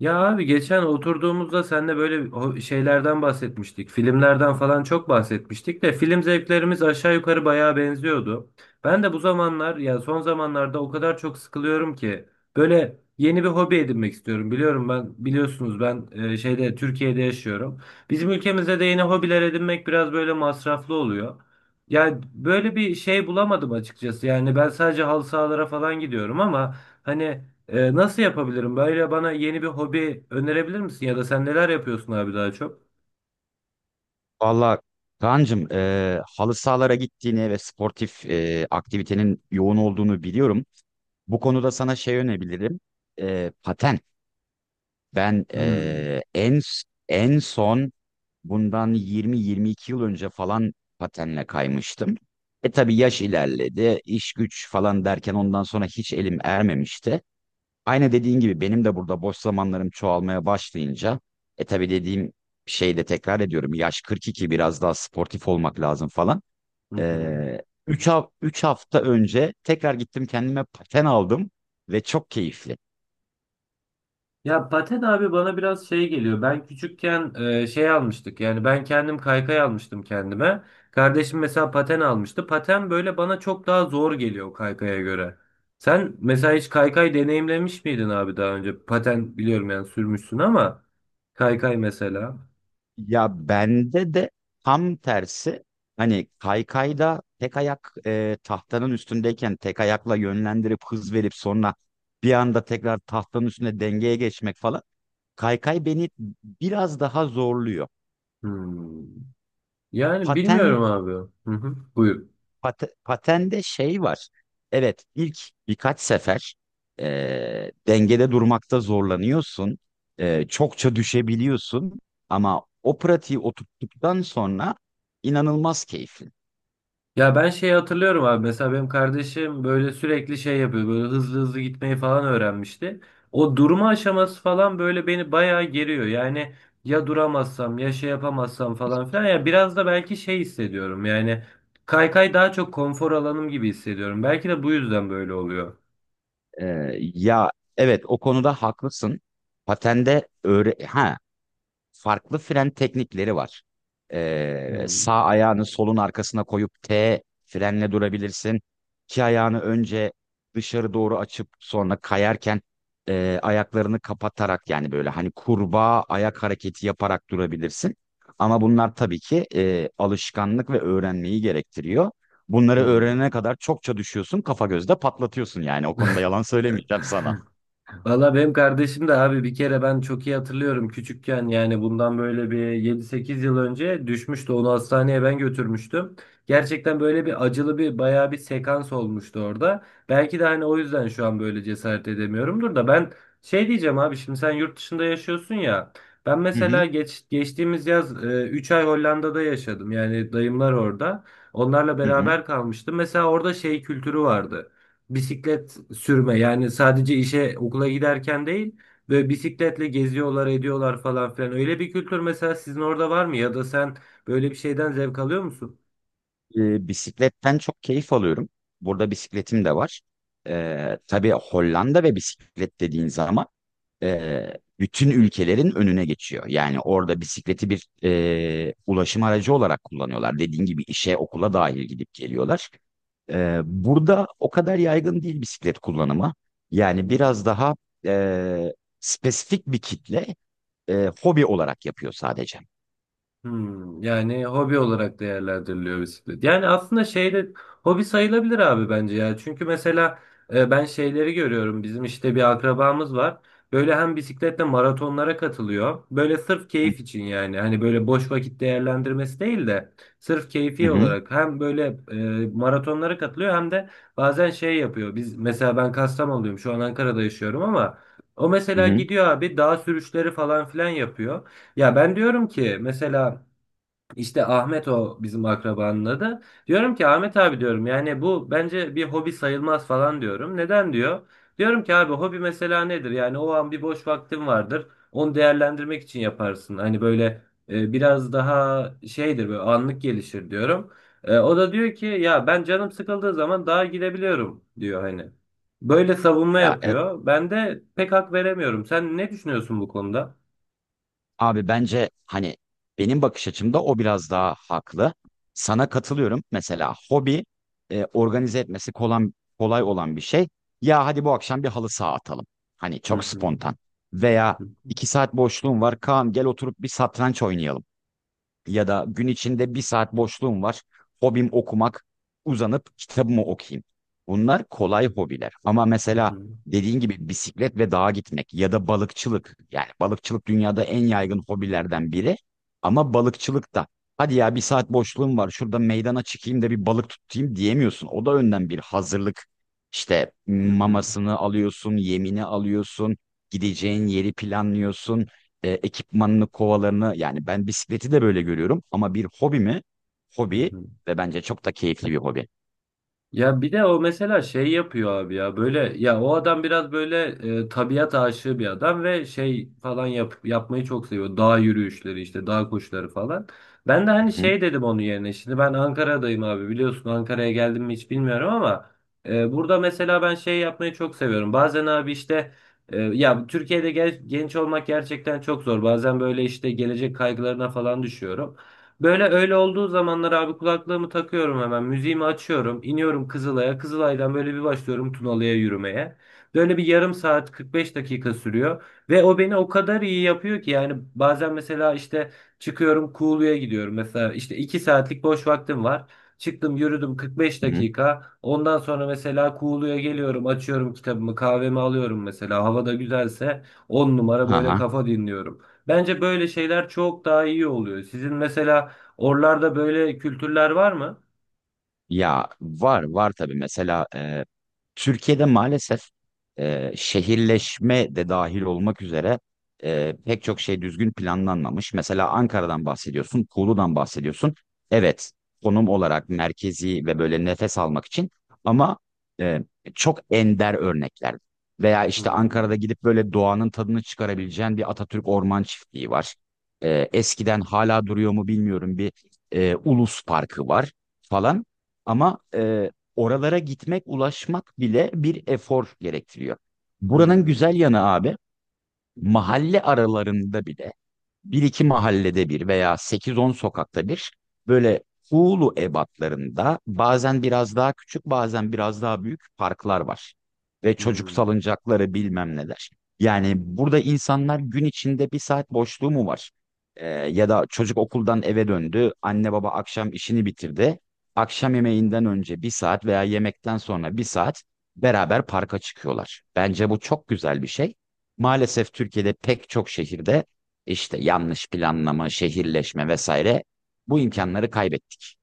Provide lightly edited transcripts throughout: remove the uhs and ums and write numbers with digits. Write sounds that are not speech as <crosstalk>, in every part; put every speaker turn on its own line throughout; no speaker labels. Ya abi geçen oturduğumuzda seninle böyle şeylerden bahsetmiştik. Filmlerden falan çok bahsetmiştik de film zevklerimiz aşağı yukarı bayağı benziyordu. Ben de bu zamanlar ya son zamanlarda o kadar çok sıkılıyorum ki böyle yeni bir hobi edinmek istiyorum. Biliyorum ben biliyorsunuz ben şeyde Türkiye'de yaşıyorum. Bizim ülkemizde de yeni hobiler edinmek biraz böyle masraflı oluyor. Yani böyle bir şey bulamadım açıkçası. Yani ben sadece halı sahalara falan gidiyorum ama hani nasıl yapabilirim? Böyle bana yeni bir hobi önerebilir misin? Ya da sen neler yapıyorsun abi daha çok?
Valla Kaan'cığım, halı sahalara gittiğini ve sportif aktivitenin yoğun olduğunu biliyorum. Bu konuda sana şey önebilirim. Paten. Ben
Hmm.
en son bundan 20-22 yıl önce falan patenle kaymıştım. Tabii yaş ilerledi, iş güç falan derken ondan sonra hiç elim ermemişti. Aynı dediğin gibi benim de burada boş zamanlarım çoğalmaya başlayınca tabii dediğim şeyi de tekrar ediyorum. Yaş 42, biraz daha sportif olmak lazım falan.
Hı hı.
Ee, 3 3 hafta önce tekrar gittim kendime paten aldım ve çok keyifli.
Ya paten abi bana biraz şey geliyor. Ben küçükken şey almıştık. Yani ben kendim kaykay almıştım kendime. Kardeşim mesela paten almıştı. Paten böyle bana çok daha zor geliyor kaykaya göre. Sen mesela hiç kaykay deneyimlemiş miydin abi daha önce? Paten biliyorum yani sürmüşsün ama kaykay mesela.
Ya bende de tam tersi, hani kaykayda tek ayak tahtanın üstündeyken tek ayakla yönlendirip hız verip sonra bir anda tekrar tahtanın üstüne dengeye geçmek falan. Kaykay beni biraz daha zorluyor.
Hmm. Yani
Paten,
bilmiyorum abi. Hı hı. Buyur.
Patende şey var. Evet, ilk birkaç sefer dengede durmakta zorlanıyorsun. Çokça düşebiliyorsun. Ama o pratiği oturttuktan sonra inanılmaz keyifli.
Ya ben şeyi hatırlıyorum abi. Mesela benim kardeşim böyle sürekli şey yapıyor. Böyle hızlı hızlı gitmeyi falan öğrenmişti. O durma aşaması falan böyle beni bayağı geriyor. Yani ya duramazsam ya şey yapamazsam falan filan. Ya biraz da belki şey hissediyorum. Yani kaykay daha çok konfor alanım gibi hissediyorum. Belki de bu yüzden böyle oluyor.
E, Ya, evet, o konuda haklısın. Patende öğre ha farklı fren teknikleri var.
Hmm,
Sağ ayağını solun arkasına koyup T frenle durabilirsin. İki ayağını önce dışarı doğru açıp sonra kayarken ayaklarını kapatarak, yani böyle hani kurbağa ayak hareketi yaparak durabilirsin. Ama bunlar tabii ki alışkanlık ve öğrenmeyi gerektiriyor. Bunları
hmm.
öğrenene kadar çokça düşüyorsun, kafa gözde patlatıyorsun yani. O konuda yalan söylemeyeceğim sana.
Valla benim kardeşim de abi bir kere ben çok iyi hatırlıyorum küçükken yani bundan böyle bir yedi sekiz yıl önce düşmüştü onu hastaneye ben götürmüştüm. Gerçekten böyle bir acılı bir bayağı bir sekans olmuştu orada. Belki de hani o yüzden şu an böyle cesaret edemiyorumdur da ben şey diyeceğim abi şimdi sen yurt dışında yaşıyorsun ya. Ben
Hı
mesela
hı.
geçtiğimiz yaz 3 ay Hollanda'da yaşadım yani dayımlar orada. Onlarla
Hı hı.
beraber kalmıştım. Mesela orada şey kültürü vardı bisiklet sürme yani sadece işe okula giderken değil böyle bisikletle geziyorlar ediyorlar falan filan öyle bir kültür mesela sizin orada var mı ya da sen böyle bir şeyden zevk alıyor musun?
Bisikletten çok keyif alıyorum. Burada bisikletim de var. Tabii Hollanda ve bisiklet dediğin zaman e, bütün ülkelerin önüne geçiyor. Yani orada bisikleti bir ulaşım aracı olarak kullanıyorlar. Dediğin gibi işe, okula dahil gidip geliyorlar. Burada o kadar yaygın değil bisiklet kullanımı.
Hı
Yani
hı.
biraz daha e, spesifik bir kitle hobi olarak yapıyor sadece.
Hmm, yani hobi olarak değerlendiriliyor bisiklet. Yani aslında şeyde hobi sayılabilir abi bence ya. Çünkü mesela ben şeyleri görüyorum. Bizim işte bir akrabamız var. Böyle hem bisikletle maratonlara katılıyor. Böyle sırf
Hı
keyif için yani. Hani böyle boş vakit değerlendirmesi değil de sırf keyfi
hı,
olarak hem böyle maratonlara katılıyor hem de bazen şey yapıyor. Biz mesela ben Kastamonu'luyum. Şu an Ankara'da yaşıyorum ama o
hı
mesela
hı.
gidiyor abi dağ sürüşleri falan filan yapıyor. Ya ben diyorum ki mesela işte Ahmet o bizim akrabanın adı. Diyorum ki Ahmet abi diyorum yani bu bence bir hobi sayılmaz falan diyorum. Neden diyor? Diyorum ki abi hobi mesela nedir? Yani o an bir boş vaktin vardır. Onu değerlendirmek için yaparsın. Hani böyle biraz daha şeydir böyle anlık gelişir diyorum. O da diyor ki ya ben canım sıkıldığı zaman dağa gidebiliyorum diyor hani. Böyle savunma
Ya e-
yapıyor. Ben de pek hak veremiyorum. Sen ne düşünüyorsun bu konuda?
Abi, bence hani benim bakış açımda o biraz daha haklı. Sana katılıyorum. Mesela hobi organize etmesi kolay, kolay olan bir şey. Ya, hadi bu akşam bir halı saha atalım. Hani
Hı
çok spontan. Veya
hı.
iki saat boşluğum var. Kaan, gel oturup bir satranç oynayalım, ya da gün içinde bir saat boşluğum var. Hobim okumak, uzanıp kitabımı okuyayım. Bunlar kolay hobiler. Ama
Hı
mesela
hı,
dediğin gibi bisiklet ve dağa gitmek, ya da balıkçılık. Yani balıkçılık dünyada en yaygın hobilerden biri. Ama balıkçılık da, hadi ya bir saat boşluğum var şurada meydana çıkayım da bir balık tutayım, diyemiyorsun. O da önden bir hazırlık. İşte
hı hı,
mamasını alıyorsun, yemini alıyorsun, gideceğin yeri planlıyorsun, ekipmanını, kovalarını, yani ben bisikleti de böyle görüyorum ama bir hobi mi?
hı
Hobi,
hı.
ve bence çok da keyifli bir hobi.
Ya bir de o mesela şey yapıyor abi ya böyle ya o adam biraz böyle tabiat aşığı bir adam ve şey falan yapmayı çok seviyor. Dağ yürüyüşleri işte dağ koşuları falan. Ben de hani
Hı hı.
şey dedim onun yerine şimdi ben Ankara'dayım abi biliyorsun Ankara'ya geldim mi hiç bilmiyorum ama burada mesela ben şey yapmayı çok seviyorum. Bazen abi işte ya Türkiye'de genç olmak gerçekten çok zor. Bazen böyle işte gelecek kaygılarına falan düşüyorum. Böyle öyle olduğu zamanlar abi kulaklığımı takıyorum hemen. Müziğimi açıyorum. İniyorum Kızılay'a. Kızılay'dan böyle bir başlıyorum Tunalı'ya yürümeye. Böyle bir yarım saat 45 dakika sürüyor. Ve o beni o kadar iyi yapıyor ki yani bazen mesela işte çıkıyorum Kuğulu'ya gidiyorum. Mesela işte 2 saatlik boş vaktim var. Çıktım yürüdüm 45
Hı hı.
dakika. Ondan sonra mesela Kuğulu'ya geliyorum açıyorum kitabımı kahvemi alıyorum mesela. Hava da güzelse 10 numara
Hı
böyle
hı.
kafa dinliyorum. Bence böyle şeyler çok daha iyi oluyor. Sizin mesela oralarda böyle kültürler var mı?
Ya var var tabii, mesela Türkiye'de maalesef şehirleşme de dahil olmak üzere pek çok şey düzgün planlanmamış. Mesela Ankara'dan bahsediyorsun, Kuğu'dan bahsediyorsun. Evet, konum olarak merkezi ve böyle nefes almak için, ama e, çok ender örnekler. Veya işte
Hmm,
Ankara'da gidip böyle doğanın tadını çıkarabileceğin bir Atatürk Orman Çiftliği var. Eskiden hala duruyor mu bilmiyorum, bir Ulus Parkı var falan. Ama oralara gitmek, ulaşmak bile bir efor gerektiriyor. Buranın güzel
hmm,
yanı abi, mahalle aralarında bile bir iki mahallede bir veya sekiz on sokakta bir böyle Hulu ebatlarında, bazen biraz daha küçük bazen biraz daha büyük parklar var. Ve çocuk
hmm.
salıncakları bilmem neler. Yani burada insanlar gün içinde bir saat boşluğu mu var? Ya da çocuk okuldan eve döndü, anne baba akşam işini bitirdi. Akşam yemeğinden önce bir saat veya yemekten sonra bir saat beraber parka çıkıyorlar. Bence bu çok güzel bir şey. Maalesef Türkiye'de pek çok şehirde işte yanlış planlama, şehirleşme vesaire, bu imkanları kaybettik.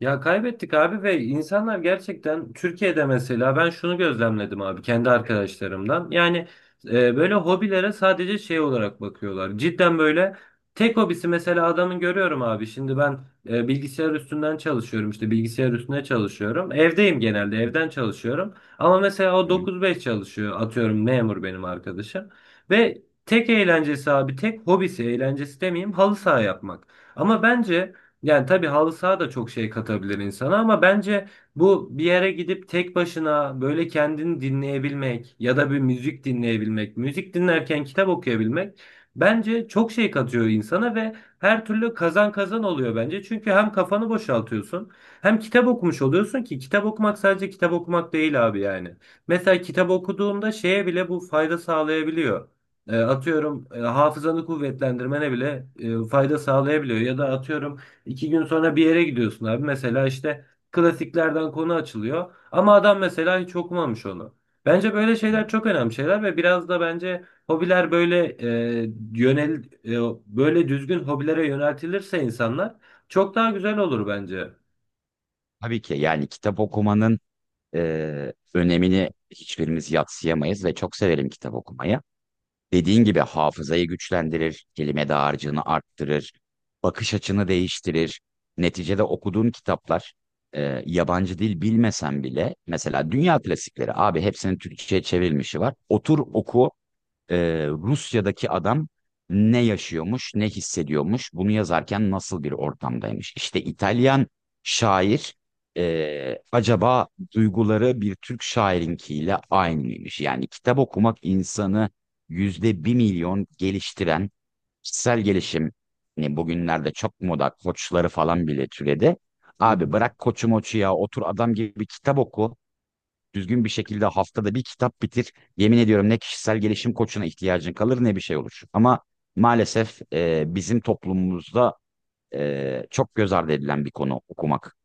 Ya kaybettik abi ve insanlar gerçekten Türkiye'de mesela ben şunu gözlemledim abi kendi arkadaşlarımdan. Yani böyle hobilere sadece şey olarak bakıyorlar. Cidden böyle tek hobisi mesela adamın görüyorum abi. Şimdi ben bilgisayar üstünden çalışıyorum işte bilgisayar üstüne çalışıyorum. Evdeyim genelde
Hı
evden çalışıyorum. Ama mesela o
hı. Hı.
9-5 çalışıyor atıyorum memur benim arkadaşım. Ve tek eğlencesi abi tek hobisi eğlencesi demeyeyim halı saha yapmak. Ama bence... Yani tabii halı saha da çok şey katabilir insana ama bence bu bir yere gidip tek başına böyle kendini dinleyebilmek ya da bir müzik dinleyebilmek, müzik dinlerken kitap okuyabilmek bence çok şey katıyor insana ve her türlü kazan kazan oluyor bence. Çünkü hem kafanı boşaltıyorsun hem kitap okumuş oluyorsun ki kitap okumak sadece kitap okumak değil abi yani. Mesela kitap okuduğunda şeye bile bu fayda sağlayabiliyor. Hafızanı kuvvetlendirmene bile fayda sağlayabiliyor ya da atıyorum İki gün sonra bir yere gidiyorsun abi. Mesela işte klasiklerden konu açılıyor. Ama adam mesela hiç okumamış onu. Bence böyle şeyler çok önemli şeyler ve biraz da bence hobiler böyle e, yönel böyle düzgün hobilere yöneltilirse insanlar çok daha güzel olur bence.
Tabii ki yani kitap okumanın önemini hiçbirimiz yadsıyamayız ve çok severim kitap okumayı. Dediğin gibi hafızayı güçlendirir, kelime dağarcığını arttırır, bakış açını değiştirir. Neticede okuduğum kitaplar, yabancı dil bilmesem bile mesela dünya klasikleri abi, hepsinin Türkçe'ye çevrilmişi var. Otur oku, Rusya'daki adam ne yaşıyormuş, ne hissediyormuş, bunu yazarken nasıl bir ortamdaymış. İşte İtalyan şair, acaba duyguları bir Türk şairinkiyle aynı mıymış? Yani kitap okumak insanı %1.000.000 geliştiren kişisel gelişim, hani bugünlerde çok moda koçları falan bile türedi.
Hı
Abi
hı.
bırak koçu moçu, ya otur adam gibi kitap oku. Düzgün bir şekilde haftada bir kitap bitir. Yemin ediyorum, ne kişisel gelişim koçuna ihtiyacın kalır ne bir şey olur. Ama maalesef bizim toplumumuzda çok göz ardı edilen bir konu okumak.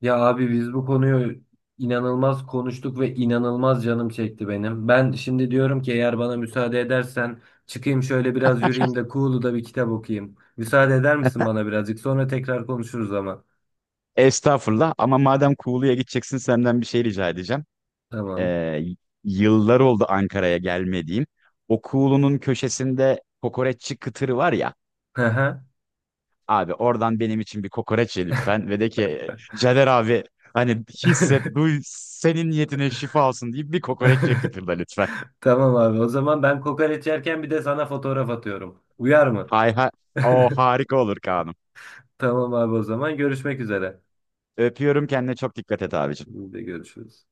Ya abi biz bu konuyu inanılmaz konuştuk ve inanılmaz canım çekti benim. Ben şimdi diyorum ki eğer bana müsaade edersen çıkayım şöyle biraz yürüyeyim de Kuğulu'da bir kitap okuyayım. Müsaade eder misin bana birazcık? Sonra tekrar konuşuruz ama.
Estağfurullah, ama madem Kuğulu'ya gideceksin senden bir şey rica edeceğim.
Tamam.
E, Yıllar oldu Ankara'ya gelmediğim. O Kuğulu'nun köşesinde kokoreççi kıtırı var ya.
Hı hı.
Abi oradan benim için bir kokoreç ye lütfen, ve de ki Caner abi hani, hisset duy, senin niyetine şifa olsun deyip bir kokoreç ye
<laughs>
kıtırda lütfen.
Tamam abi. O zaman ben kokoreç yerken bir de sana fotoğraf atıyorum. Uyar mı?
Hay hay, o
<laughs>
harika olur Kaan'ım.
Tamam abi o zaman görüşmek üzere.
Öpüyorum, kendine çok dikkat et abicim.
Biz de görüşürüz.